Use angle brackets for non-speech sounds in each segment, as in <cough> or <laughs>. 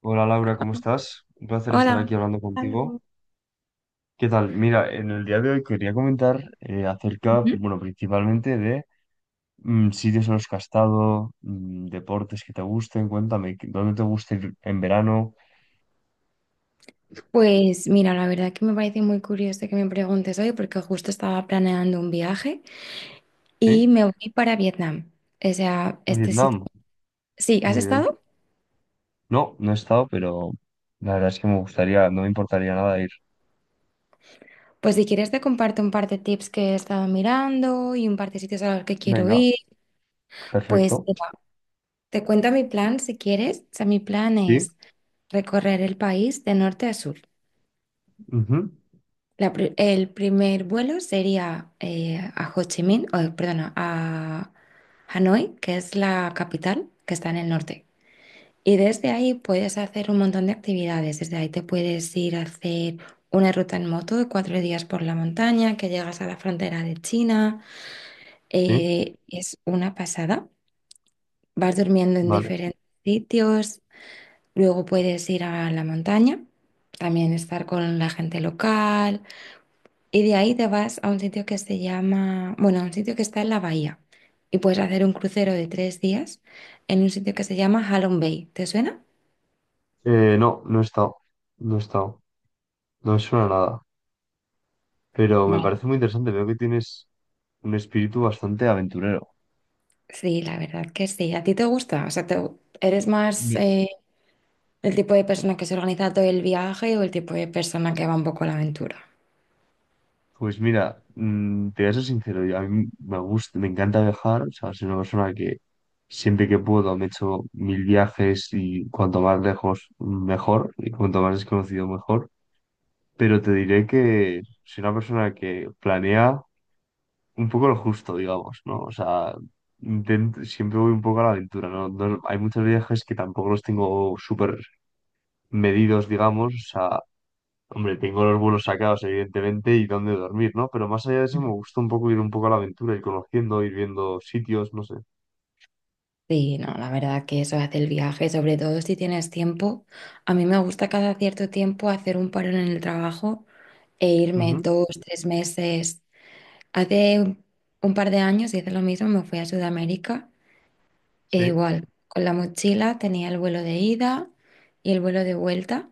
Hola Laura, ¿cómo estás? Un placer estar Hola. aquí hablando contigo. Gonzalo. ¿Qué tal? Mira, en el día de hoy quería comentar acerca, Ujú. bueno, principalmente de sitios en los que has estado, deportes que te gusten, cuéntame, ¿dónde te gusta ir en verano? Pues mira, la verdad que me parece muy curioso que me preguntes hoy porque justo estaba planeando un viaje y ¿Sí? me voy para Vietnam. O sea, A este sitio. Vietnam. Sí, ¿has Muy bien. estado? No, no he estado, pero la verdad es que me gustaría, no me importaría nada ir. Pues si quieres te comparto un par de tips que he estado mirando y un par de sitios a los que quiero Venga, ir. Pues perfecto. mira, te cuento mi plan si quieres. O sea, mi plan Sí, es recorrer el país de norte a sur. ujú, El primer vuelo sería a Ho Chi Minh, o, perdona, a Hanoi, que es la capital, que está en el norte. Y desde ahí puedes hacer un montón de actividades. Desde ahí te puedes ir a hacer una ruta en moto de 4 días por la montaña, que llegas a la frontera de China. sí, Es una pasada. Vas durmiendo en vale. diferentes sitios. Luego puedes ir a la montaña, también estar con la gente local. Y de ahí te vas a un sitio que se llama, bueno, a un sitio que está en la bahía. Y puedes hacer un crucero de 3 días en un sitio que se llama Halong Bay. ¿Te suena? No, no he estado, no me suena nada, pero me Vale. parece muy interesante, veo que tienes un espíritu bastante aventurero. Sí, la verdad que sí. ¿A ti te gusta? O sea, ¿eres más Mi- el tipo de persona que se organiza todo el viaje o el tipo de persona que va un poco a la aventura? Pues mira, te voy a ser sincero, a mí me gusta, me encanta viajar, o sea, soy una persona que siempre que puedo me echo mil viajes y cuanto más lejos mejor y cuanto más desconocido mejor, pero te diré que soy una persona que planea un poco lo justo, digamos, ¿no? O sea, siempre voy un poco a la aventura, ¿no? Hay muchos viajes que tampoco los tengo súper medidos, digamos, o sea, hombre, tengo los vuelos sacados, evidentemente, y dónde dormir, ¿no? Pero más allá de eso, me gusta un poco ir un poco a la aventura, ir conociendo, ir viendo sitios, no sé. Sí, no, la verdad que eso hace el viaje, sobre todo si tienes tiempo. A mí me gusta cada cierto tiempo hacer un parón en el trabajo e irme Ujú, 2, 3 meses. Hace un par de años hice lo mismo, me fui a Sudamérica e sí. igual, con la mochila tenía el vuelo de ida y el vuelo de vuelta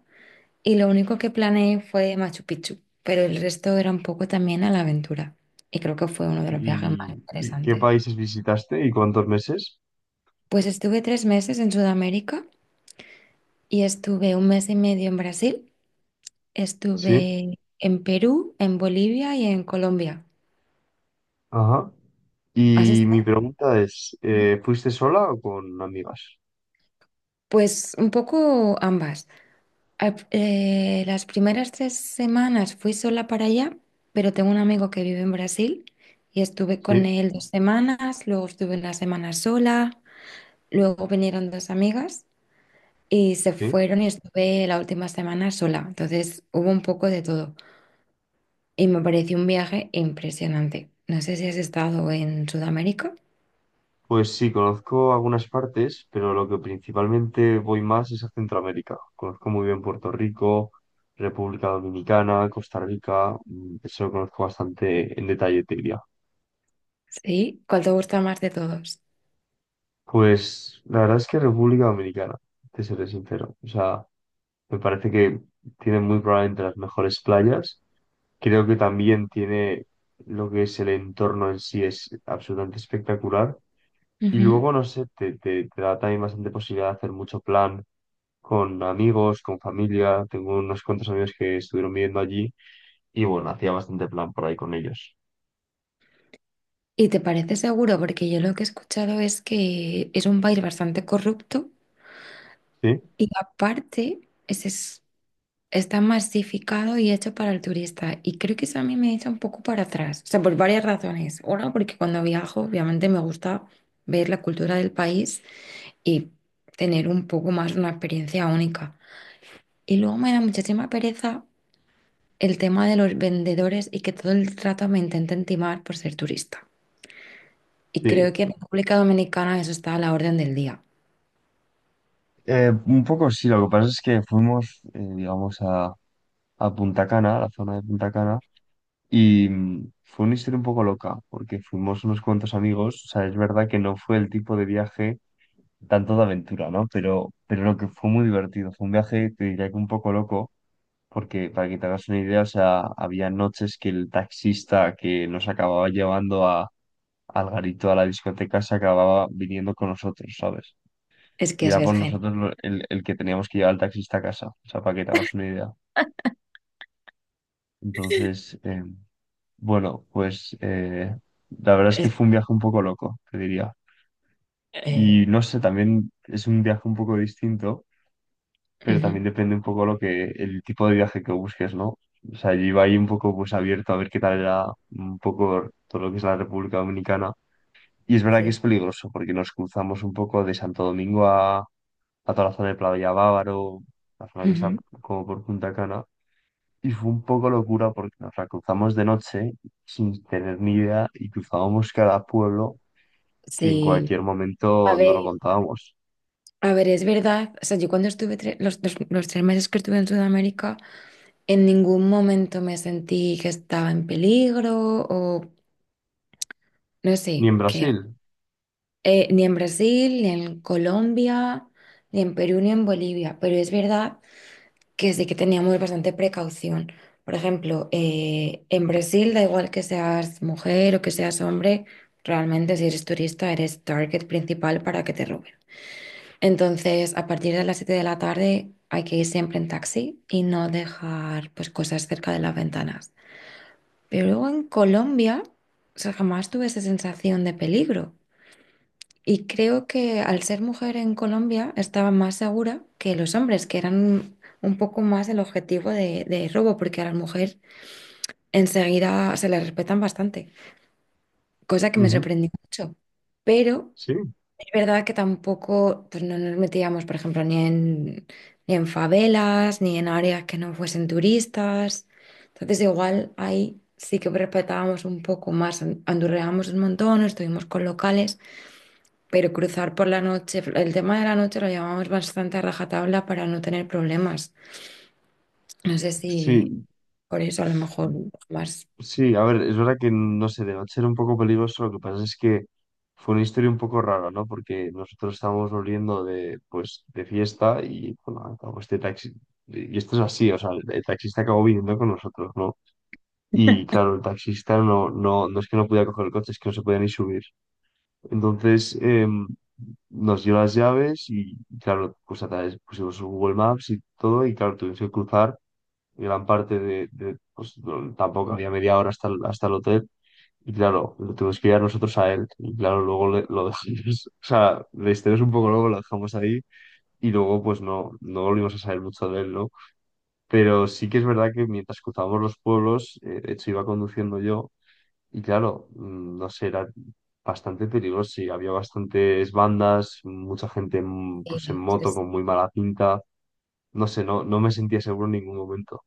y lo único que planeé fue Machu Picchu, pero el resto era un poco también a la aventura y creo que fue uno de los viajes más ¿Y qué interesantes. países visitaste y cuántos meses? Pues estuve 3 meses en Sudamérica y estuve un mes y medio en Brasil, Sí. estuve en Perú, en Bolivia y en Colombia. Ajá. ¿Has Y mi estado? pregunta es, ¿fuiste sola o con amigas? Pues un poco ambas. Las primeras 3 semanas fui sola para allá, pero tengo un amigo que vive en Brasil y estuve con Sí, él 2 semanas, luego estuve una semana sola, luego vinieron dos amigas y se sí. fueron y estuve la última semana sola. Entonces hubo un poco de todo y me pareció un viaje impresionante. No sé si has estado en Sudamérica. Pues sí, conozco algunas partes, pero lo que principalmente voy más es a Centroamérica. Conozco muy bien Puerto Rico, República Dominicana, Costa Rica, eso lo conozco bastante en detalle, te diría. Sí, ¿cuál te gusta más de todos? Pues la verdad es que República Dominicana, te seré sincero. O sea, me parece que tiene muy probablemente las mejores playas. Creo que también tiene lo que es el entorno en sí, es absolutamente espectacular. Y Ujú. luego, no sé, te da también bastante posibilidad de hacer mucho plan con amigos, con familia. Tengo unos cuantos amigos que estuvieron viviendo allí y bueno, hacía bastante plan por ahí con ellos. ¿Y te parece seguro? Porque yo lo que he escuchado es que es un país bastante corrupto. Sí, Y aparte, está masificado y hecho para el turista. Y creo que eso a mí me echa un poco para atrás. O sea, por varias razones. Una, porque cuando viajo, obviamente me gusta ver la cultura del país y tener un poco más una experiencia única. Y luego me da muchísima pereza el tema de los vendedores y que todo el trato me intenten timar por ser turista. Y creo sí. que en República Dominicana eso está a la orden del día. Un poco sí, lo que pasa es que fuimos, digamos, a Punta Cana, a la zona de Punta Cana, y fue una historia un poco loca, porque fuimos unos cuantos amigos, o sea, es verdad que no fue el tipo de viaje tanto de aventura, ¿no? Pero lo que fue muy divertido, fue un viaje, te diría que un poco loco, porque para que te hagas una idea, o sea, había noches que el taxista que nos acababa llevando al garito, a la discoteca, se acababa viniendo con nosotros, ¿sabes? Es que Y es era por virgen. nosotros el que teníamos que llevar al taxista a casa, o sea, para que te hagas una idea. Entonces, bueno, pues la verdad es que Es- fue un viaje un poco loco, te diría. Y Eh, no sé, también es un viaje un poco distinto, pero Ujú. también depende un poco el tipo de viaje que busques, ¿no? O sea, yo iba ahí un poco pues abierto a ver qué tal era un poco todo lo que es la República Dominicana. Y es verdad que Sí. es peligroso porque nos cruzamos un poco de Santo Domingo a toda la zona de Playa Bávaro, la zona que está Ujú. como por Punta Cana. Y fue un poco locura porque nos la cruzamos de noche sin tener ni idea y cruzábamos cada pueblo que en Sí, cualquier A momento no lo ver, contábamos. a ver, es verdad, o sea, yo cuando estuve los 3 meses que estuve en Sudamérica, en ningún momento me sentí que estaba en peligro o no Ni sé, en que Brasil. Ni en Brasil, ni en Colombia, ni en Perú, ni en Bolivia, pero es verdad que sí que teníamos bastante precaución. Por ejemplo, en Brasil da igual que seas mujer o que seas hombre, realmente si eres turista eres target principal para que te roben. Entonces, a partir de las 7 de la tarde hay que ir siempre en taxi y no dejar pues, cosas cerca de las ventanas. Pero luego en Colombia, o sea, jamás tuve esa sensación de peligro. Y creo que al ser mujer en Colombia estaba más segura que los hombres, que eran un poco más el objetivo de robo, porque a la mujer enseguida se le respetan bastante, cosa que me Ujú. sorprendió mucho. Pero Sí, es verdad que tampoco pues no nos metíamos, por ejemplo, ni en favelas, ni en áreas que no fuesen turistas. Entonces, igual ahí sí que respetábamos un poco más, andurreábamos un montón, estuvimos con locales, pero cruzar por la noche, el tema de la noche lo llevábamos bastante a rajatabla para no tener problemas. No sé si sí. por eso a lo mejor más. Sí, a ver, es verdad que no sé, de noche era un poco peligroso, lo que pasa es que fue una historia un poco rara, ¿no? Porque nosotros estábamos volviendo de, pues, de fiesta y, bueno, acabó este taxi, y esto es así, o sea, el taxista acabó viniendo con nosotros, ¿no? Y claro, el taxista no es que no podía coger el coche, es que no se podía ni subir. Entonces, nos dio las llaves y, claro, pues a través pusimos Google Maps y todo, y claro, tuvimos que cruzar gran parte pues, tampoco había media hora hasta hasta el hotel. Y claro, lo tuvimos que ir a nosotros a él. Y claro, luego lo dejamos, <laughs> o sea, le estiramos un poco luego, lo dejamos ahí. Y luego, pues no, no volvimos a saber mucho de él, ¿no? Pero sí que es verdad que mientras cruzábamos los pueblos, de hecho iba conduciendo yo. Y claro, no sé, era bastante peligroso y había bastantes bandas, mucha gente pues en eh, moto es- con muy mala pinta. No sé, no, no me sentía seguro en ningún momento.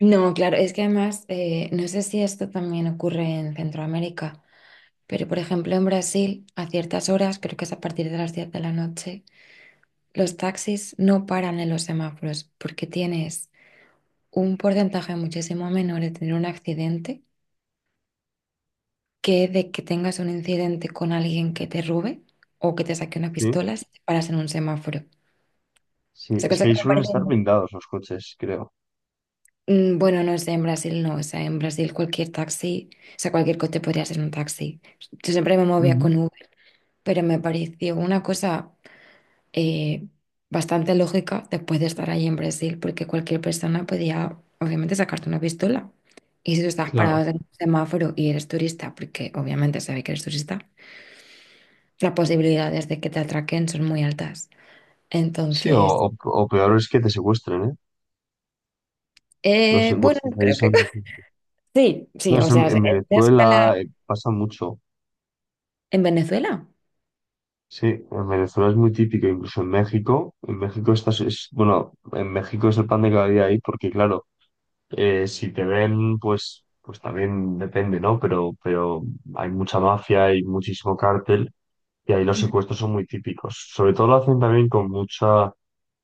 No, claro, es que además, no sé si esto también ocurre en Centroamérica. Pero, por ejemplo, en Brasil, a ciertas horas, creo que es a partir de las 10 de la noche, los taxis no paran en los semáforos porque tienes un porcentaje muchísimo menor de tener un accidente que de que tengas un incidente con alguien que te robe o que te saque una Sí, pistola si te paras en un semáforo. sí, Esa es cosa que que ahí me suelen parece, estar blindados los coches, creo. Bueno, no sé, en Brasil no, o sea, en Brasil cualquier taxi, o sea, cualquier coche podría ser un taxi. Yo siempre me movía Ujú. con Uber, pero me pareció una cosa eh, bastante lógica después de estar ahí en Brasil, porque cualquier persona podía, obviamente, sacarte una pistola. Y si tú estás Claro. parado en un semáforo y eres turista, porque obviamente se ve que eres turista, las posibilidades de que te atraquen son muy altas. Sí, Entonces, o- o peor es que te secuestren, ¿eh? Los bueno, secuestros ahí creo que son difíciles. <laughs> sí, No, sí, o eso sea, es en una Venezuela escala pasa mucho. en Venezuela. Sí, en Venezuela es muy típico, incluso en México. En México estás, es, bueno, en México es el pan de cada día ahí, porque claro, si te ven, pues, pues también depende, ¿no? Pero hay mucha mafia, hay muchísimo cártel, y ahí los secuestros son muy típicos. Sobre todo lo hacen también con mucha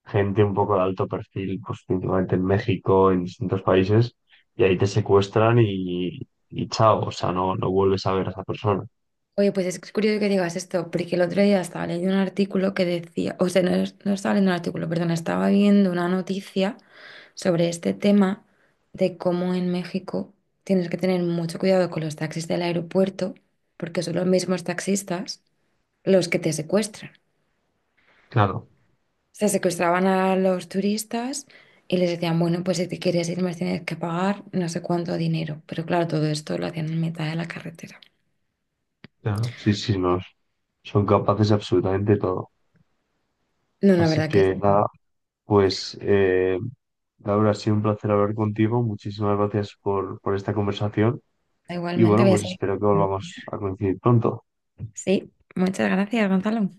gente un poco de alto perfil, pues principalmente en México, en distintos países, y ahí te secuestran y chao, o sea, no, no vuelves a ver a esa persona. Oye, pues es curioso que digas esto, porque el otro día estaba leyendo un artículo que decía, o sea, no, no estaba leyendo un artículo, perdón, estaba viendo una noticia sobre este tema de cómo en México tienes que tener mucho cuidado con los taxis del aeropuerto, porque son los mismos taxistas los que te secuestran. Claro, Se secuestraban a los turistas y les decían, bueno, pues si te quieres ir, me tienes que pagar no sé cuánto dinero. Pero claro, todo esto lo hacían en mitad de la carretera. claro. Sí, sí, no, son capaces de absolutamente todo. No, la Así verdad que que eso no. nada, pues Laura, ha sido un placer hablar contigo, muchísimas gracias por esta conversación y Igualmente bueno, había pues sido. espero que volvamos a coincidir pronto. Sí, muchas gracias, Gonzalo.